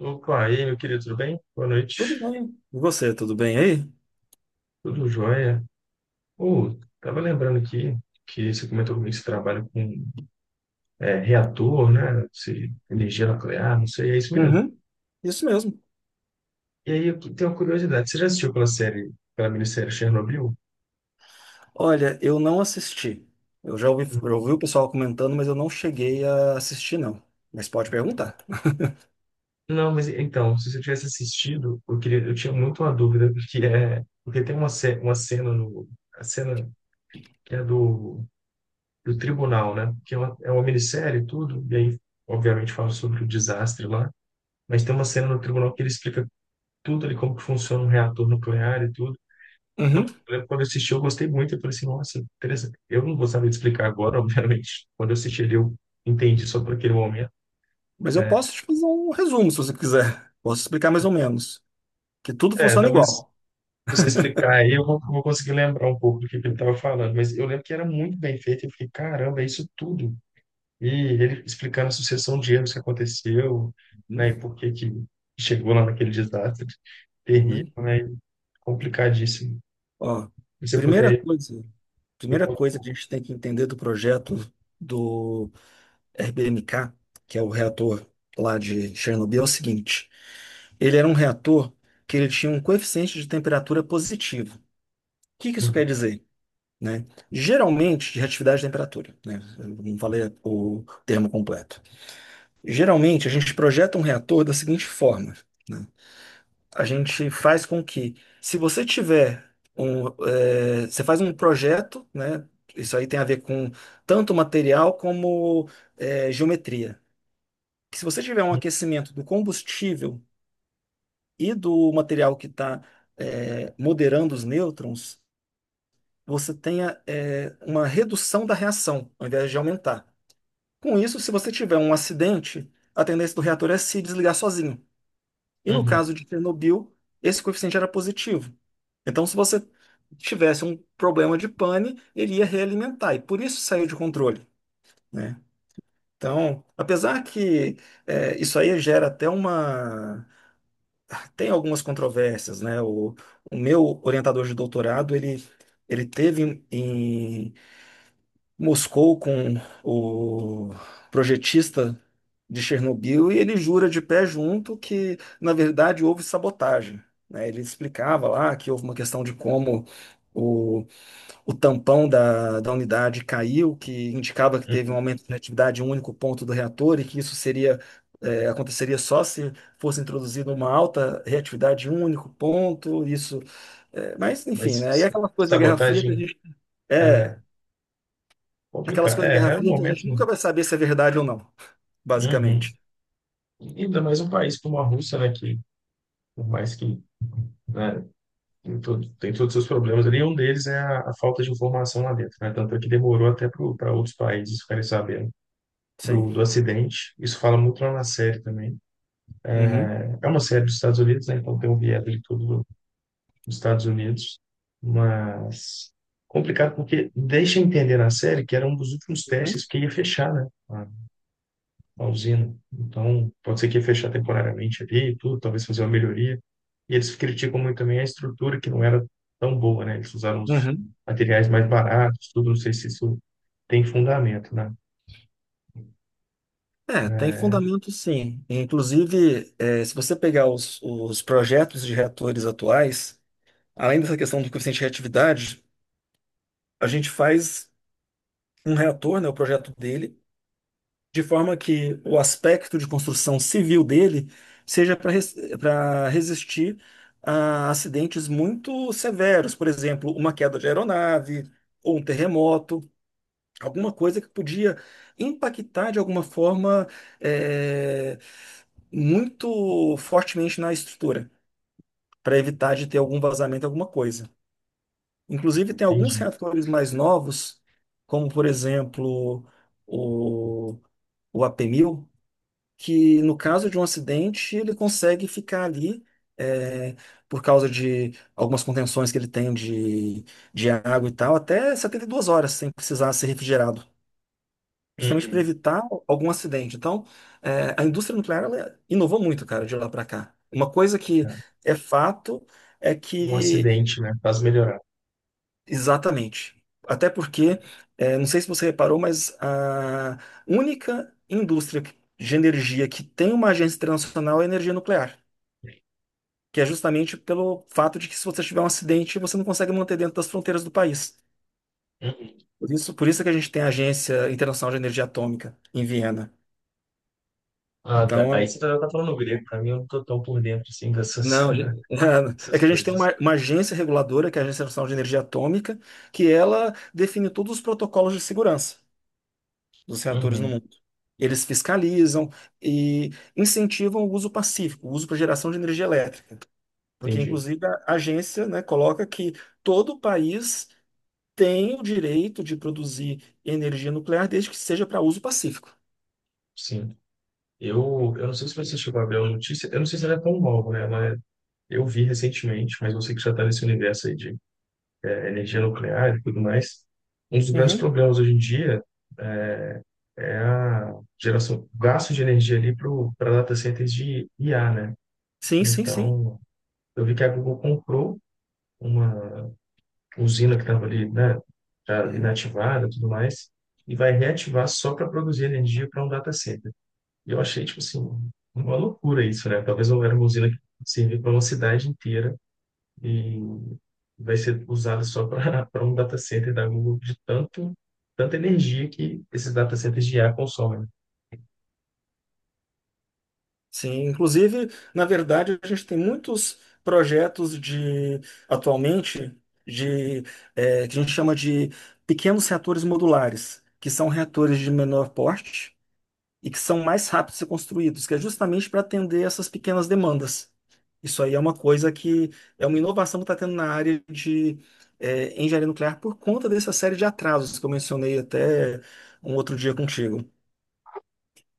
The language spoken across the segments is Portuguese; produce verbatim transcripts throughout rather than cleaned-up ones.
Opa, e aí, meu querido, tudo bem? Boa noite. Tudo bem. E você, tudo bem aí? Tudo jóia? Ô, tava lembrando aqui que você comentou comigo que você trabalha com é, reator, né? Se, energia nuclear, não sei, é isso mesmo. Uhum. Isso mesmo. E aí, eu tenho uma curiosidade. Você já assistiu aquela série, aquela minissérie Chernobyl? Olha, eu não assisti. Eu já ouvi, eu Hum. ouvi o pessoal comentando, mas eu não cheguei a assistir, não. Mas pode perguntar. Não, mas então, se você tivesse assistido, eu queria, eu tinha muito uma dúvida, porque é, porque tem uma, ce- uma cena no, a cena que é do, do tribunal, né? Que é uma, é uma minissérie e tudo, e aí, obviamente, fala sobre o desastre lá. Mas tem uma cena no tribunal que ele explica tudo ali, como que funciona um reator nuclear e tudo. Quando, Uhum. eu lembro quando eu assisti, eu gostei muito. Eu falei assim, nossa, interessante. Eu não gostaria de explicar agora, obviamente. Quando eu assisti ele, eu entendi só por aquele momento. Mas eu É, posso te fazer um resumo, se você quiser. Posso explicar mais ou menos. Que tudo é, funciona talvez se igual. você explicar aí, eu vou, vou conseguir lembrar um pouco do que que ele estava falando. Mas eu lembro que era muito bem feito. Eu fiquei, caramba, é isso tudo. E ele explicando a sucessão de erros que aconteceu, Uhum. né, e por que que chegou lá naquele desastre terrível, Uhum. né, complicadíssimo. Ó, Se você primeira puder coisa, primeira Ficou- coisa que a gente tem que entender do projeto do R B M K, que é o reator lá de Chernobyl, é o seguinte. Ele era um reator que ele tinha um coeficiente de temperatura positivo. O que que isso quer Uhum, dizer? Né? Geralmente, de reatividade de temperatura, né? Eu não falei o termo completo. Geralmente, a gente projeta um reator da seguinte forma, né? A gente faz com que, se você tiver um, eh, você faz um projeto, né? Isso aí tem a ver com tanto material como eh, geometria. Que se você tiver um uhum, aquecimento do combustível e do material que está moderando os nêutrons, você tenha é, uma redução da reação, ao invés de aumentar. Com isso, se você tiver um acidente, a tendência do reator é se desligar sozinho. E no uhum, caso de Chernobyl, esse coeficiente era positivo. Então, se você tivesse um problema de pane, ele ia realimentar, e por isso saiu de controle, né? Então, apesar que é, isso aí gera até uma tem algumas controvérsias, né? O, o meu orientador de doutorado, ele, ele teve em, em Moscou com o projetista de Chernobyl e ele jura de pé junto que, na verdade, houve sabotagem, né? Ele explicava lá que houve uma questão de como o o tampão da, da unidade caiu, que indicava que teve um uhum. aumento de atividade em um único ponto do reator e que isso seria, eh, aconteceria só se fosse introduzida uma alta reatividade em um único ponto, isso, eh, mas Mas enfim, né? E s- aquelas coisas da Guerra Fria que a sabotagem gente, é, é aquelas complicado. coisas da É, Guerra era um Fria que a gente momento. nunca vai saber se é verdade ou não, Uhum. basicamente. E ainda mais um país como a Rússia, né? Que, por mais que né, tem, todo, tem todos os seus problemas ali, um deles é a, a falta de informação lá dentro, né? Tanto é que demorou até para outros países ficarem sabendo Sim. do, do acidente. Isso fala muito lá na série também. Uhum. É uma série dos Estados Unidos, né? Então tem um viés ali todo nos Estados Unidos, mas complicado porque deixa entender na série que era um dos últimos testes que ia fechar, né, a, a usina. Então, pode ser que ia fechar temporariamente ali e tudo, talvez fazer uma melhoria. E eles criticam muito também a estrutura que não era tão boa, né? Eles usaram os Uhum. materiais mais baratos, tudo, não sei se isso tem fundamento, né? É, tem É, fundamento sim. Inclusive, eh, se você pegar os, os projetos de reatores atuais, Além dessa questão do coeficiente de reatividade, a gente faz um reator, né, o projeto dele, de forma que o aspecto de construção civil dele seja para resistir a acidentes muito severos, por exemplo, uma queda de aeronave ou um terremoto, alguma coisa que podia impactar de alguma forma eh, muito fortemente na estrutura, para evitar de ter algum vazamento, alguma coisa. Inclusive, não tem alguns entendi. reatores mais novos, como por exemplo o, o ap mil que no caso de um acidente ele consegue ficar ali eh, por causa de algumas contenções que ele tem de, de água e tal, até setenta e duas horas sem precisar ser refrigerado. Justamente para Uhum. evitar algum acidente. Então, eh, a indústria nuclear ela inovou muito, cara, de lá para cá. Uma coisa que É. é fato é Um que acidente, né? Faz melhorar. Exatamente. Até porque, eh, não sei se você reparou, mas a única indústria que- de energia que tem uma agência internacional é a energia nuclear, que é justamente pelo fato de que se você tiver um acidente, você não consegue manter dentro das fronteiras do país. Uhum. Por isso, por isso que a gente tem a Agência Internacional de Energia Atômica em Viena. Ah, tá. Então, Aí você já tá falando grego, pra mim eu não tô tão por dentro assim dessas, não, a gen- é que dessas a gente tem coisas. uma, uma agência reguladora, que é a Agência Nacional de Energia Atômica, que ela define todos os protocolos de segurança. Dos reatores no Uhum, mundo. Eles fiscalizam e incentivam o uso pacífico, o uso para geração de energia elétrica, porque entendi. inclusive a agência, né, coloca que todo país tem o direito de produzir energia nuclear desde que seja para uso pacífico. Sim. Eu, eu não sei se você chegou a ver a notícia, eu não sei se ela é tão nova, né? Mas eu vi recentemente, mas você que já está nesse universo aí de eh, energia nuclear e tudo mais. Um dos grandes Uhum. problemas hoje em dia é é a geração, gasto de energia ali para data centers de I A, né? Sim, sim, sim. Então, eu vi que a Google comprou uma usina que estava ali, né, já Uhum. inativada e tudo mais, e vai reativar só para produzir energia para um data center. E eu achei, tipo assim, uma loucura isso, né? Talvez não era uma usina que servir para uma cidade inteira e vai ser usada só para para um data center da Google de tanto, tanta energia que esses data centers de I A consomem. Sim, inclusive, na verdade, a gente tem muitos projetos de atualmente de eh, que a gente chama de pequenos reatores modulares, que são reatores de menor porte e que são mais rápidos de ser construídos, que é justamente para atender essas pequenas demandas. Isso aí é uma coisa que é uma inovação que está tendo na área de eh, engenharia nuclear por conta dessa série de atrasos que eu mencionei até um outro dia contigo.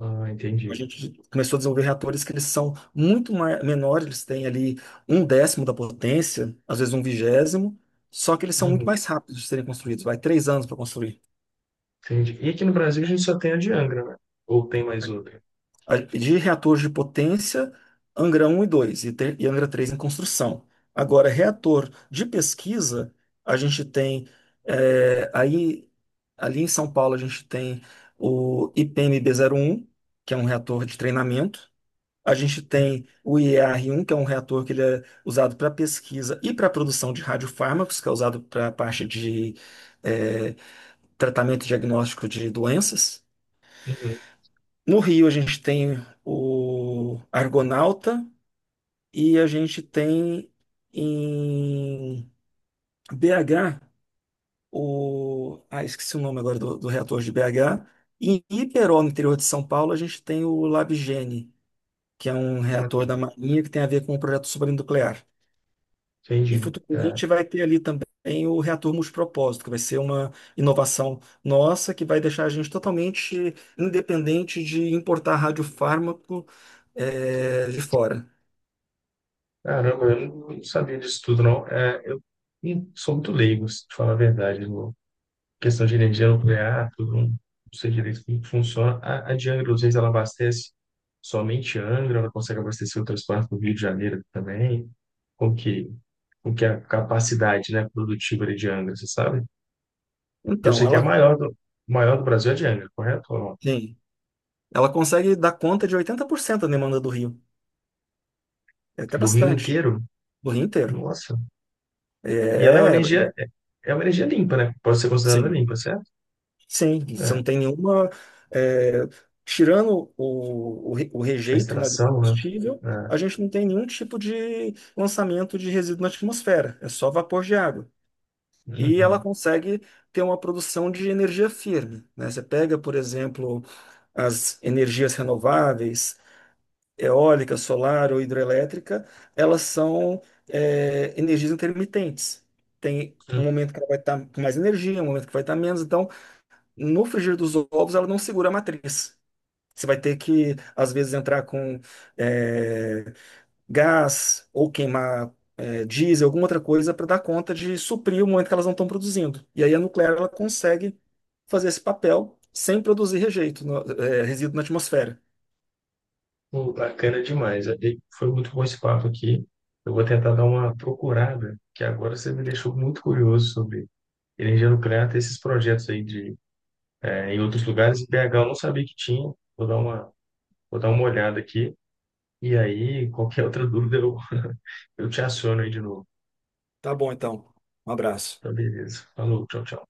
Ah, A entendi. gente começou a desenvolver reatores que eles são muito ma- menores, eles têm ali um décimo da potência, às vezes um vigésimo, só que eles são muito Uhum, mais rápidos de serem construídos, vai três anos para construir. entendi. E aqui no Brasil a gente só tem a de Angra, né? Ou tem mais outra? A- de reatores de potência, Angra um e dois e, te- e Angra três em construção. Agora, reator de pesquisa, a gente tem, é, aí, ali em São Paulo, a gente tem o ipmb um que é um reator de treinamento. A gente tem o ier um que é um reator que ele é usado para pesquisa e para produção de radiofármacos, que é usado para a parte de, é, tratamento e diagnóstico de doenças. Uhum, No Rio a gente tem o Argonauta e a gente tem em B H o. Ah, esqueci o nome agora do, do reator de B H. E em Iperó, no interior de São Paulo, a gente tem o Labgene, que é um uma- reator da Marinha que tem a ver com o projeto supranuclear. E entendi. É. futuramente vai ter ali também o reator multipropósito, que vai ser uma inovação nossa que vai deixar a gente totalmente independente de importar radiofármaco eh, de fora. Caramba, eu não não sabia disso tudo, não. É, eu hum, sou muito leigo, se te falar a verdade, questão de energia nuclear, tudo, não sei direito como que funciona. A, a de Angra, às vezes, ela abastece somente Angra, ela consegue abastecer outras partes do Rio de Janeiro também. Como que, como que é a capacidade, né, produtiva ali de Angra, você sabe? Eu Então, sei que é a ela, maior do, maior do Brasil é de Angra, correto? Ou não? sim, ela consegue dar conta de oitenta por cento da demanda do Rio. É até Do Rio bastante, inteiro? do Rio inteiro. Nossa. E ela é uma É, energia, é é uma energia limpa, né? Pode ser considerada sim. limpa, certo? Sim, você É. não tem nenhuma. É, tirando o, o, re- o A rejeito, né, do extração, né? combustível, É. a gente não tem nenhum tipo de lançamento de resíduo na atmosfera, é só vapor de água. E ela Uhum. consegue ter uma produção de energia firme, né? Você pega, por exemplo, as energias renováveis, eólica, solar ou hidrelétrica, elas são, é, energias intermitentes. Tem um momento que ela vai estar com mais energia, um momento que vai estar menos. Então, no frigir dos ovos, ela não segura a matriz. Você vai ter que, às vezes, entrar com eh, gás ou queimar eh, diesel, alguma outra coisa, para dar conta de suprir o momento que elas não estão produzindo. E aí a nuclear ela consegue fazer esse papel sem produzir rejeito, no- eh, resíduo na atmosfera. Pô, bacana demais. É, e foi muito bom esse papo aqui. Eu vou tentar dar uma procurada, que agora você me deixou muito curioso sobre energia nuclear, ter esses projetos aí de, eh, em outros lugares. Em B H eu não sabia que tinha. Vou dar uma, vou dar uma olhada aqui. E aí, qualquer outra dúvida, eu, eu te aciono aí de novo. Tá bom, então. Um abraço. Tá, beleza. Falou, tchau, tchau.